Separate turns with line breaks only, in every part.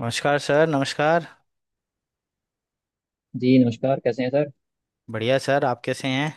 नमस्कार सर, नमस्कार।
जी नमस्कार। कैसे हैं सर?
बढ़िया सर, आप कैसे हैं।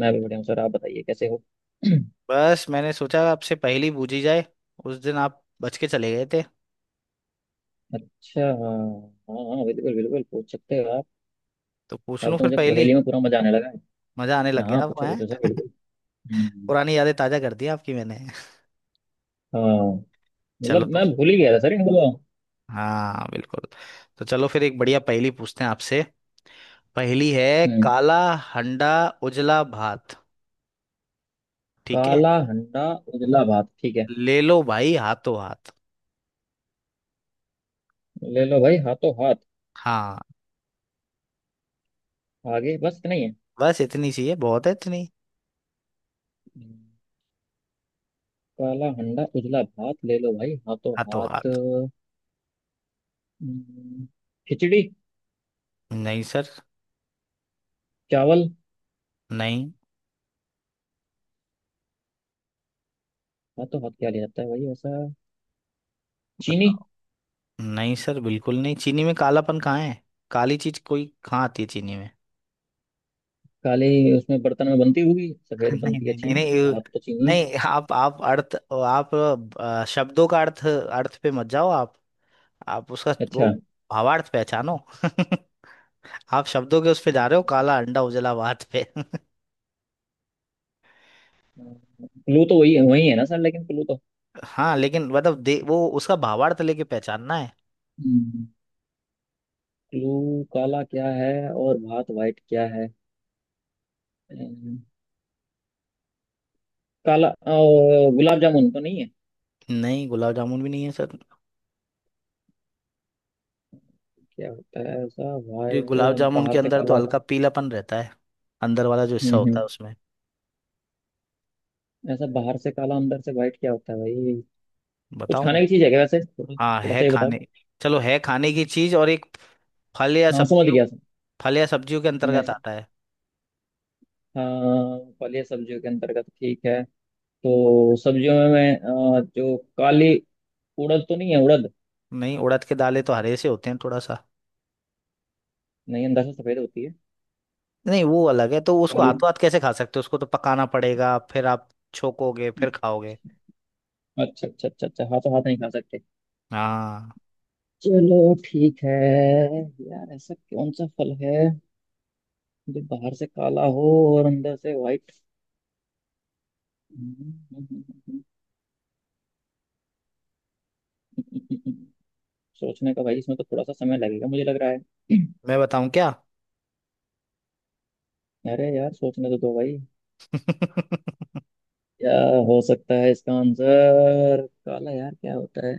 मैं भी बढ़िया हूँ सर। आप बताइए कैसे हो।
बस मैंने सोचा आपसे पहेली पूछी जाए। उस दिन आप बच के चले गए थे।
अच्छा हाँ। हाँ बिल्कुल बिल्कुल, पूछ सकते हो आप।
तो पूछ
अब
लूं
तो
फिर
मुझे
पहेली।
पहेली में पूरा मजा आने लगा है।
मजा आने लग
हाँ
गया आपको
पूछो
हैं।
पूछो सर, बिल्कुल। हम्म।
पुरानी यादें ताजा कर दी आपकी मैंने।
हाँ,
चलो
मतलब
तो।
मैं भूल ही गया था सर इनको तो।
हाँ बिल्कुल। तो चलो फिर एक बढ़िया पहेली पूछते हैं आपसे। पहेली है
हम्म।
काला हंडा उजला भात, ठीक है।
काला हंडा उजला भात। ठीक है।
ले लो भाई हाथों हाथ।
ले लो भाई हाथों हाथ।
हाँ,
आगे बस इतना ही है।
बस इतनी सी है, बहुत है इतनी।
हम्म। काला हंडा उजला भात, ले लो भाई हाथों
हाथों
हाथ।
हाथ।
हम्म। खिचड़ी।
नहीं सर।
चावल।
नहीं।
हाथों हाथ क्या ले जाता है भाई ऐसा? चीनी।
बताओ। नहीं सर, बिल्कुल नहीं। चीनी में कालापन कहाँ है। काली चीज कोई कहाँ आती है चीनी में।
काली। उसमें बर्तन में बनती होगी, सफेद
नहीं
बनती है
नहीं नहीं
चीनी।
नहीं।
भाप तो चीनी।
नहीं, आप अर्थ, आप शब्दों का अर्थ अर्थ पे मत जाओ आप। आप उसका वो
अच्छा।
भावार्थ पहचानो। आप शब्दों के उस पे जा रहे हो, काला अंडा उजला भात पे।
क्लू तो वही वही है ना सर, लेकिन क्लू तो।
हाँ लेकिन मतलब दे, वो उसका भावार्थ लेके पहचानना है।
क्लू। काला क्या है और भात वाइट क्या है? अम्म, काला गुलाब जामुन तो नहीं है?
नहीं, गुलाब जामुन भी नहीं है सर।
क्या होता है ऐसा,
ये
वाइट
गुलाब
जो
जामुन
बाहर
के
से
अंदर तो
काला?
हल्का पीलापन रहता है, अंदर वाला जो हिस्सा होता है
हम्म।
उसमें।
ऐसा बाहर से काला अंदर से वाइट क्या होता है भाई? कुछ
बताऊं।
खाने की चीज है क्या वैसे? थोड़ा
हाँ
थोड़ा
है
सा ये बताओ।
खाने। चलो है खाने की चीज, और एक फल या
हाँ समझ
सब्जियों,
गया सर।
फल या सब्जियों के
मैं
अंतर्गत
सर।
आता है।
हाँ फल या सब्जियों के अंतर्गत, ठीक है। तो सब्जियों में मैं जो काली उड़द तो नहीं है उड़द?
नहीं, उड़द के दालें तो हरे से होते हैं थोड़ा सा।
नहीं, अंदर से सफेद होती है।
नहीं, वो अलग है, तो उसको
काली।
हाथों हाथ कैसे खा सकते हो, उसको तो पकाना पड़ेगा फिर आप छोकोगे फिर खाओगे।
अच्छा अच्छा अच्छा अच्छा, हाँ तो हाथ नहीं खा सकते।
हाँ।
चलो ठीक है। यार ऐसा कौन सा फल है जो बाहर से काला हो और अंदर से व्हाइट? सोचने का भाई इसमें तो, थोड़ा सा समय लगेगा मुझे लग रहा है।
मैं बताऊं क्या।
अरे यार सोचने तो दो भाई। क्या। हो सकता है इसका आंसर काला, यार क्या होता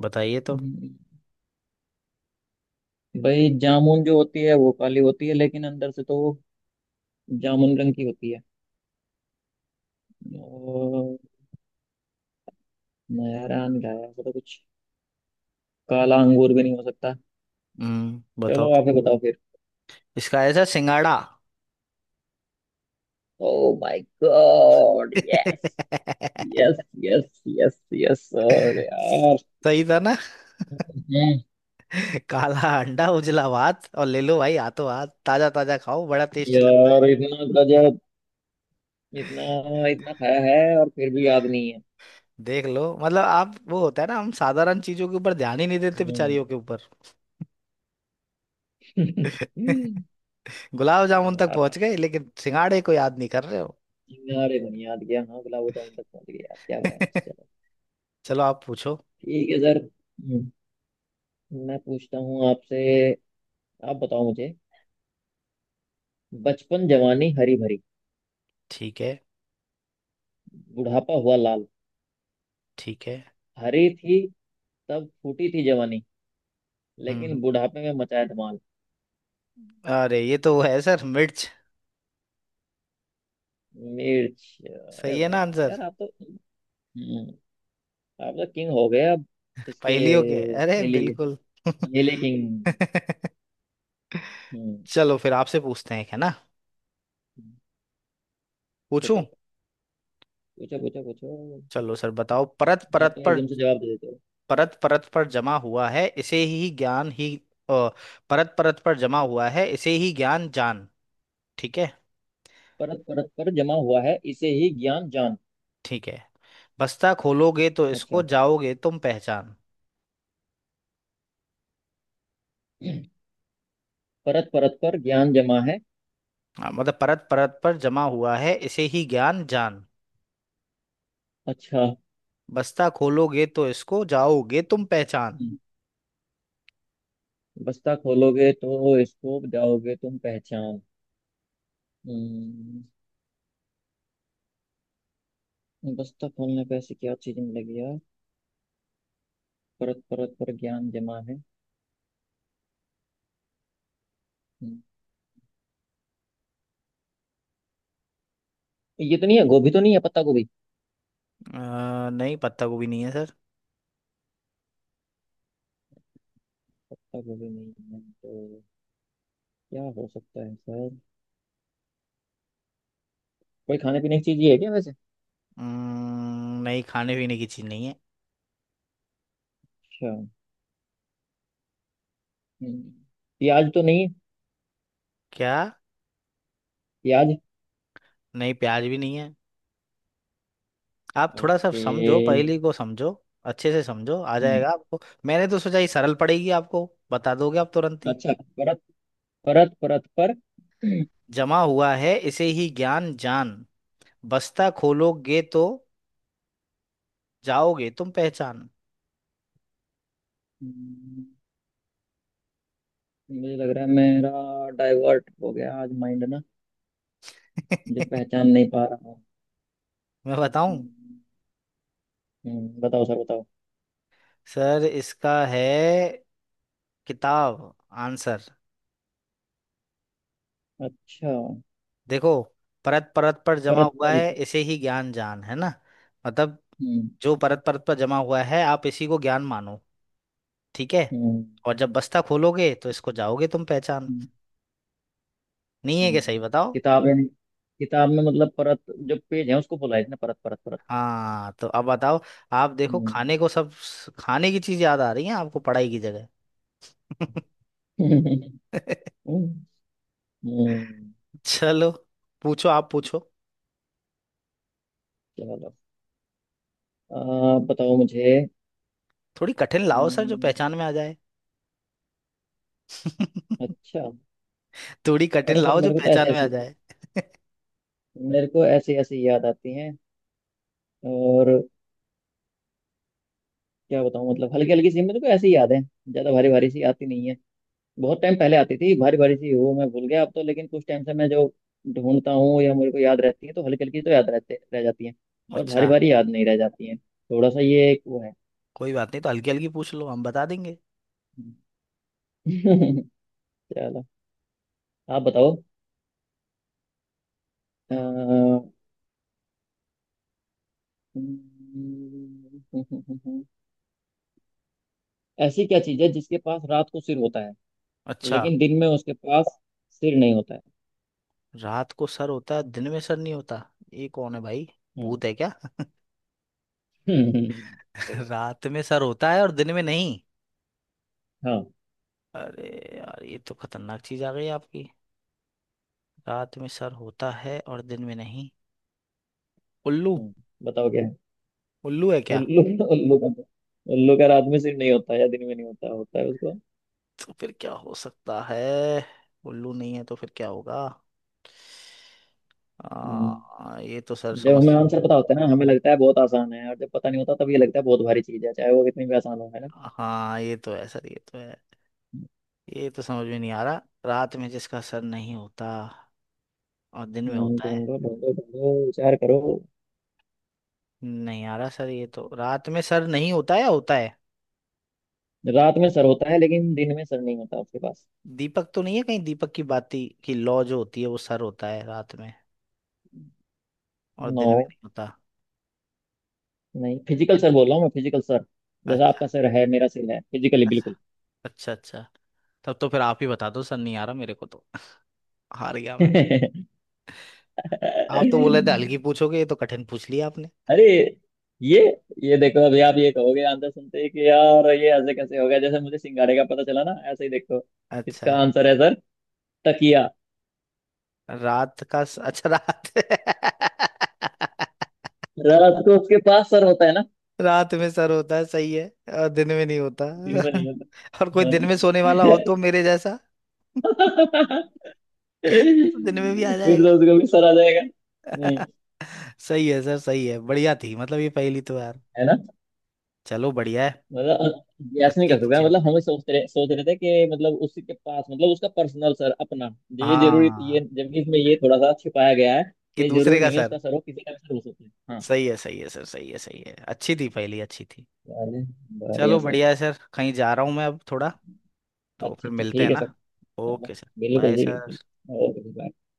बताइए तो।
है? भाई जामुन जो होती है वो काली होती है, लेकिन अंदर से तो वो जामुन रंग की होती है। और नयारा अंधा है ऐसा तो कुछ। काला अंगूर भी नहीं हो सकता।
हम्म, बताओ
चलो आप ही
तो।
बताओ फिर।
इसका ऐसा सिंगाड़ा।
Oh my god yes. Yes. Yes yes yes, अरे यार।
सही था ना।
हम्म।
काला अंडा उजला भात, और ले लो भाई हाथों हाथ, ताजा ताजा खाओ, बड़ा टेस्टी लगता
यार
है।
इतना गजब। इतना। इतना खाया है और फिर भी याद नहीं है।
देख लो, मतलब आप वो होता है ना, हम साधारण चीजों के ऊपर ध्यान ही नहीं देते,
हम्म।
बेचारियों के ऊपर। गुलाब
क्या
जामुन तक
यार।
पहुंच गए लेकिन सिंगाड़े को याद नहीं कर रहे हो।
यार ये नहीं याद गया, हाँ गुलाब जामुन तक पहुंच गया यार, क्या बताएं चलो।
चलो आप पूछो।
ठीक है सर। मैं पूछता हूँ आपसे। आप बताओ मुझे। बचपन जवानी हरी भरी।
ठीक है।
बुढ़ापा हुआ लाल।
ठीक है।
हरी थी, तब फूटी थी जवानी। लेकिन
हम्म।
बुढ़ापे में मचाया धमाल।
अरे ये तो वो है सर, मिर्च।
मिर्च, अरे
सही है ना
वाह
आंसर।
यार आप तो। हम्म। आप तो किंग हो गए अब। इसके
पहेलियों के, अरे
पहले के
बिल्कुल।
पहले किंग। हम्म।
चलो फिर आपसे पूछते हैं है ना, पूछूं।
पूछो। पूछो पूछो पूछो।
चलो सर बताओ।
आप तो एकदम से जवाब दे देते हो।
परत परत पर जमा हुआ है इसे ही ज्ञान ही अ, परत परत पर जमा हुआ है इसे ही ज्ञान जान, ठीक है।
परत परत पर जमा हुआ है इसे ही ज्ञान जान।
ठीक है। बस्ता खोलोगे तो इसको
अच्छा।
जाओगे तुम पहचान।
परत परत पर ज्ञान जमा है।
हाँ, मतलब परत परत पर जमा हुआ है इसे ही ज्ञान जान।
अच्छा।
बस्ता खोलोगे तो इसको जाओगे तुम पहचान।
हम्म। बस्ता खोलोगे तो स्कोप जाओगे तुम पहचान। हम्म। बस्ता खोलने पे ऐसी क्या चीज मिलेगी यार? परत परत पर ज्ञान जमा है। हम्म। ये तो नहीं है, गोभी तो नहीं है पत्ता गोभी?
नहीं, पत्ता गोभी नहीं है सर।
पत्ता गोभी नहीं है तो क्या हो सकता है सर? कोई खाने पीने की चीज ही है क्या वैसे?
नहीं, खाने पीने की चीज नहीं है।
अच्छा। हम्म। प्याज तो नहीं है?
क्या।
प्याज।
नहीं, प्याज भी नहीं है। आप थोड़ा सा
ओके।
समझो, पहेली को समझो। अच्छे से समझो, आ
हम्म।
जाएगा आपको। मैंने तो सोचा ये सरल पड़ेगी आपको, बता दोगे आप तुरंत ही।
अच्छा परत परत परत पर।
जमा हुआ है इसे ही ज्ञान जान, बस्ता खोलोगे तो जाओगे तुम पहचान।
हम्म, मुझे लग रहा है मेरा डाइवर्ट हो गया आज माइंड ना। मुझे पहचान नहीं पा रहा।
मैं बताऊं।
हम्म। बताओ सर बताओ।
सर इसका है किताब आंसर।
अच्छा
देखो, परत परत पर जमा
परत
हुआ है
परत।
इसे ही ज्ञान जान, है ना। मतलब
हम्म।
जो परत परत पर जमा हुआ है, आप इसी को ज्ञान मानो, ठीक है।
हम्म।
और जब बस्ता खोलोगे तो इसको जाओगे तुम पहचान।
हम्म।
नहीं है
हम्म।
क्या, सही बताओ।
किताब यानी किताब में मतलब परत जो पेज है उसको बोला है इसने परत परत परत।
हाँ तो अब बताओ। आप देखो,
हम्म।
खाने को सब, खाने की चीज याद आ रही है आपको पढ़ाई की जगह।
हम्म। हम्म।
चलो पूछो, आप पूछो।
चलो आप बताओ मुझे।
थोड़ी कठिन लाओ सर, जो
हम्म।
पहचान में आ जाए।
अच्छा।
थोड़ी कठिन
अरे सर
लाओ जो
मेरे को तो ऐसे
पहचान में आ
ऐसी
जाए।
मेरे को ऐसी ऐसी याद आती हैं। और क्या बताऊं, मतलब हल्की हल्की सी मेरे को ऐसी याद है। ज्यादा भारी भारी सी आती नहीं है। बहुत टाइम पहले आती थी भारी भारी सी, वो मैं भूल गया अब तो। लेकिन कुछ टाइम से मैं जो ढूंढता हूँ या मेरे को याद रहती है, तो हल्की हल्की तो याद रहते रह जाती है और भारी
अच्छा।
भारी याद नहीं रह जाती है, थोड़ा सा ये एक वो है।
कोई बात नहीं, तो हल्की हल्की पूछ लो, हम बता देंगे।
चलो आप बताओ। अ, ऐसी क्या चीज है जिसके पास रात को सिर होता है,
अच्छा।
लेकिन दिन में उसके पास सिर नहीं होता है?
रात को सर होता है, दिन में सर नहीं होता, ये कौन है भाई,
हम्म।
भूत है क्या।
हम्म। देखो।
रात में सर होता है और दिन में नहीं।
हाँ।
अरे यार ये तो खतरनाक चीज आ गई आपकी। रात में सर होता है और दिन में नहीं, उल्लू।
हम्म, बताओ क्या है?
उल्लू है क्या।
उल्लू। उल्लू का तो, उल्लू का रात में सिर नहीं होता या दिन में नहीं होता होता है उसको?
तो फिर क्या हो सकता है, उल्लू नहीं है तो फिर क्या होगा।
हम्म।
ये तो सर
जब
समझ।
हमें आंसर पता होता है ना हमें लगता है बहुत आसान है, और जब पता नहीं होता तब ये लगता है बहुत भारी चीज है चाहे वो कितनी भी आसान हो, है ना?
हाँ ये तो है सर, ये तो है। ये तो समझ में नहीं आ रहा, रात में जिसका सर नहीं होता और दिन में होता है।
ढूंढो ढूंढो ढूंढो विचार करो।
नहीं आ रहा सर, ये तो रात में सर नहीं होता या होता है।
रात में सर होता है लेकिन दिन में सर नहीं होता आपके पास।
दीपक तो नहीं है कहीं, दीपक की बाती की लौ जो होती है, वो सर होता है रात में और
नो।
दिन में नहीं होता।
नहीं फिजिकल सर बोल रहा हूँ मैं, फिजिकल सर। जैसा आपका
अच्छा
सर है मेरा सिर है फिजिकली
अच्छा
बिल्कुल।
अच्छा अच्छा, तब तो फिर आप ही बता दो सर, नहीं आ रहा मेरे को तो। हार गया मैं। आप तो बोले थे हल्की पूछोगे, ये तो कठिन पूछ लिया आपने।
अरे ये ये देखो अभी आप ये कहोगे आंसर सुनते ही कि यार ये ऐसे कैसे हो गया, जैसे मुझे सिंगाड़े का पता चला ना ऐसे ही देखो।
अच्छा
इसका आंसर है सर। तकिया।
रात का अच्छा रात।
रात को उसके पास सर होता है ना।
रात में सर होता है, सही है, और दिन में नहीं होता।
दिन में नहीं
और कोई
होता।
दिन में सोने
हाँ।
वाला हो तो, मेरे जैसा। तो दिन में भी आ
फिर
जाएगा।
तो उसको भी सर आ जाएगा। हम्म।
सही है सर सही है, बढ़िया थी मतलब ये पहेली तो यार।
है ना?
चलो बढ़िया है।
मतलब, गैस नहीं
अच्छी
कर सकता
पूछी
मतलब
आपने।
हम सोच रहे थे कि मतलब उसी के पास मतलब उसका पर्सनल सर अपना तो ये जरूरी, ये
हाँ,
जबकि इसमें ये थोड़ा सा छिपाया गया है।
कि
ये
दूसरे
जरूरी
का
नहीं है
सर।
उसका सर हो, किसी का भी सर हो सकता है। हाँ।
सही है सर, सही है सही है, अच्छी थी पहेली, अच्छी थी।
चलिए,
चलो
बढ़िया सर।
बढ़िया है सर, कहीं जा रहा हूँ मैं अब थोड़ा, तो
अच्छा
फिर
अच्छा
मिलते हैं
ठीक है सर।
ना।
चलो।
ओके सर,
बिल्कुल
बाय
जी बिल्कुल।
सर।
ओके जी, bye।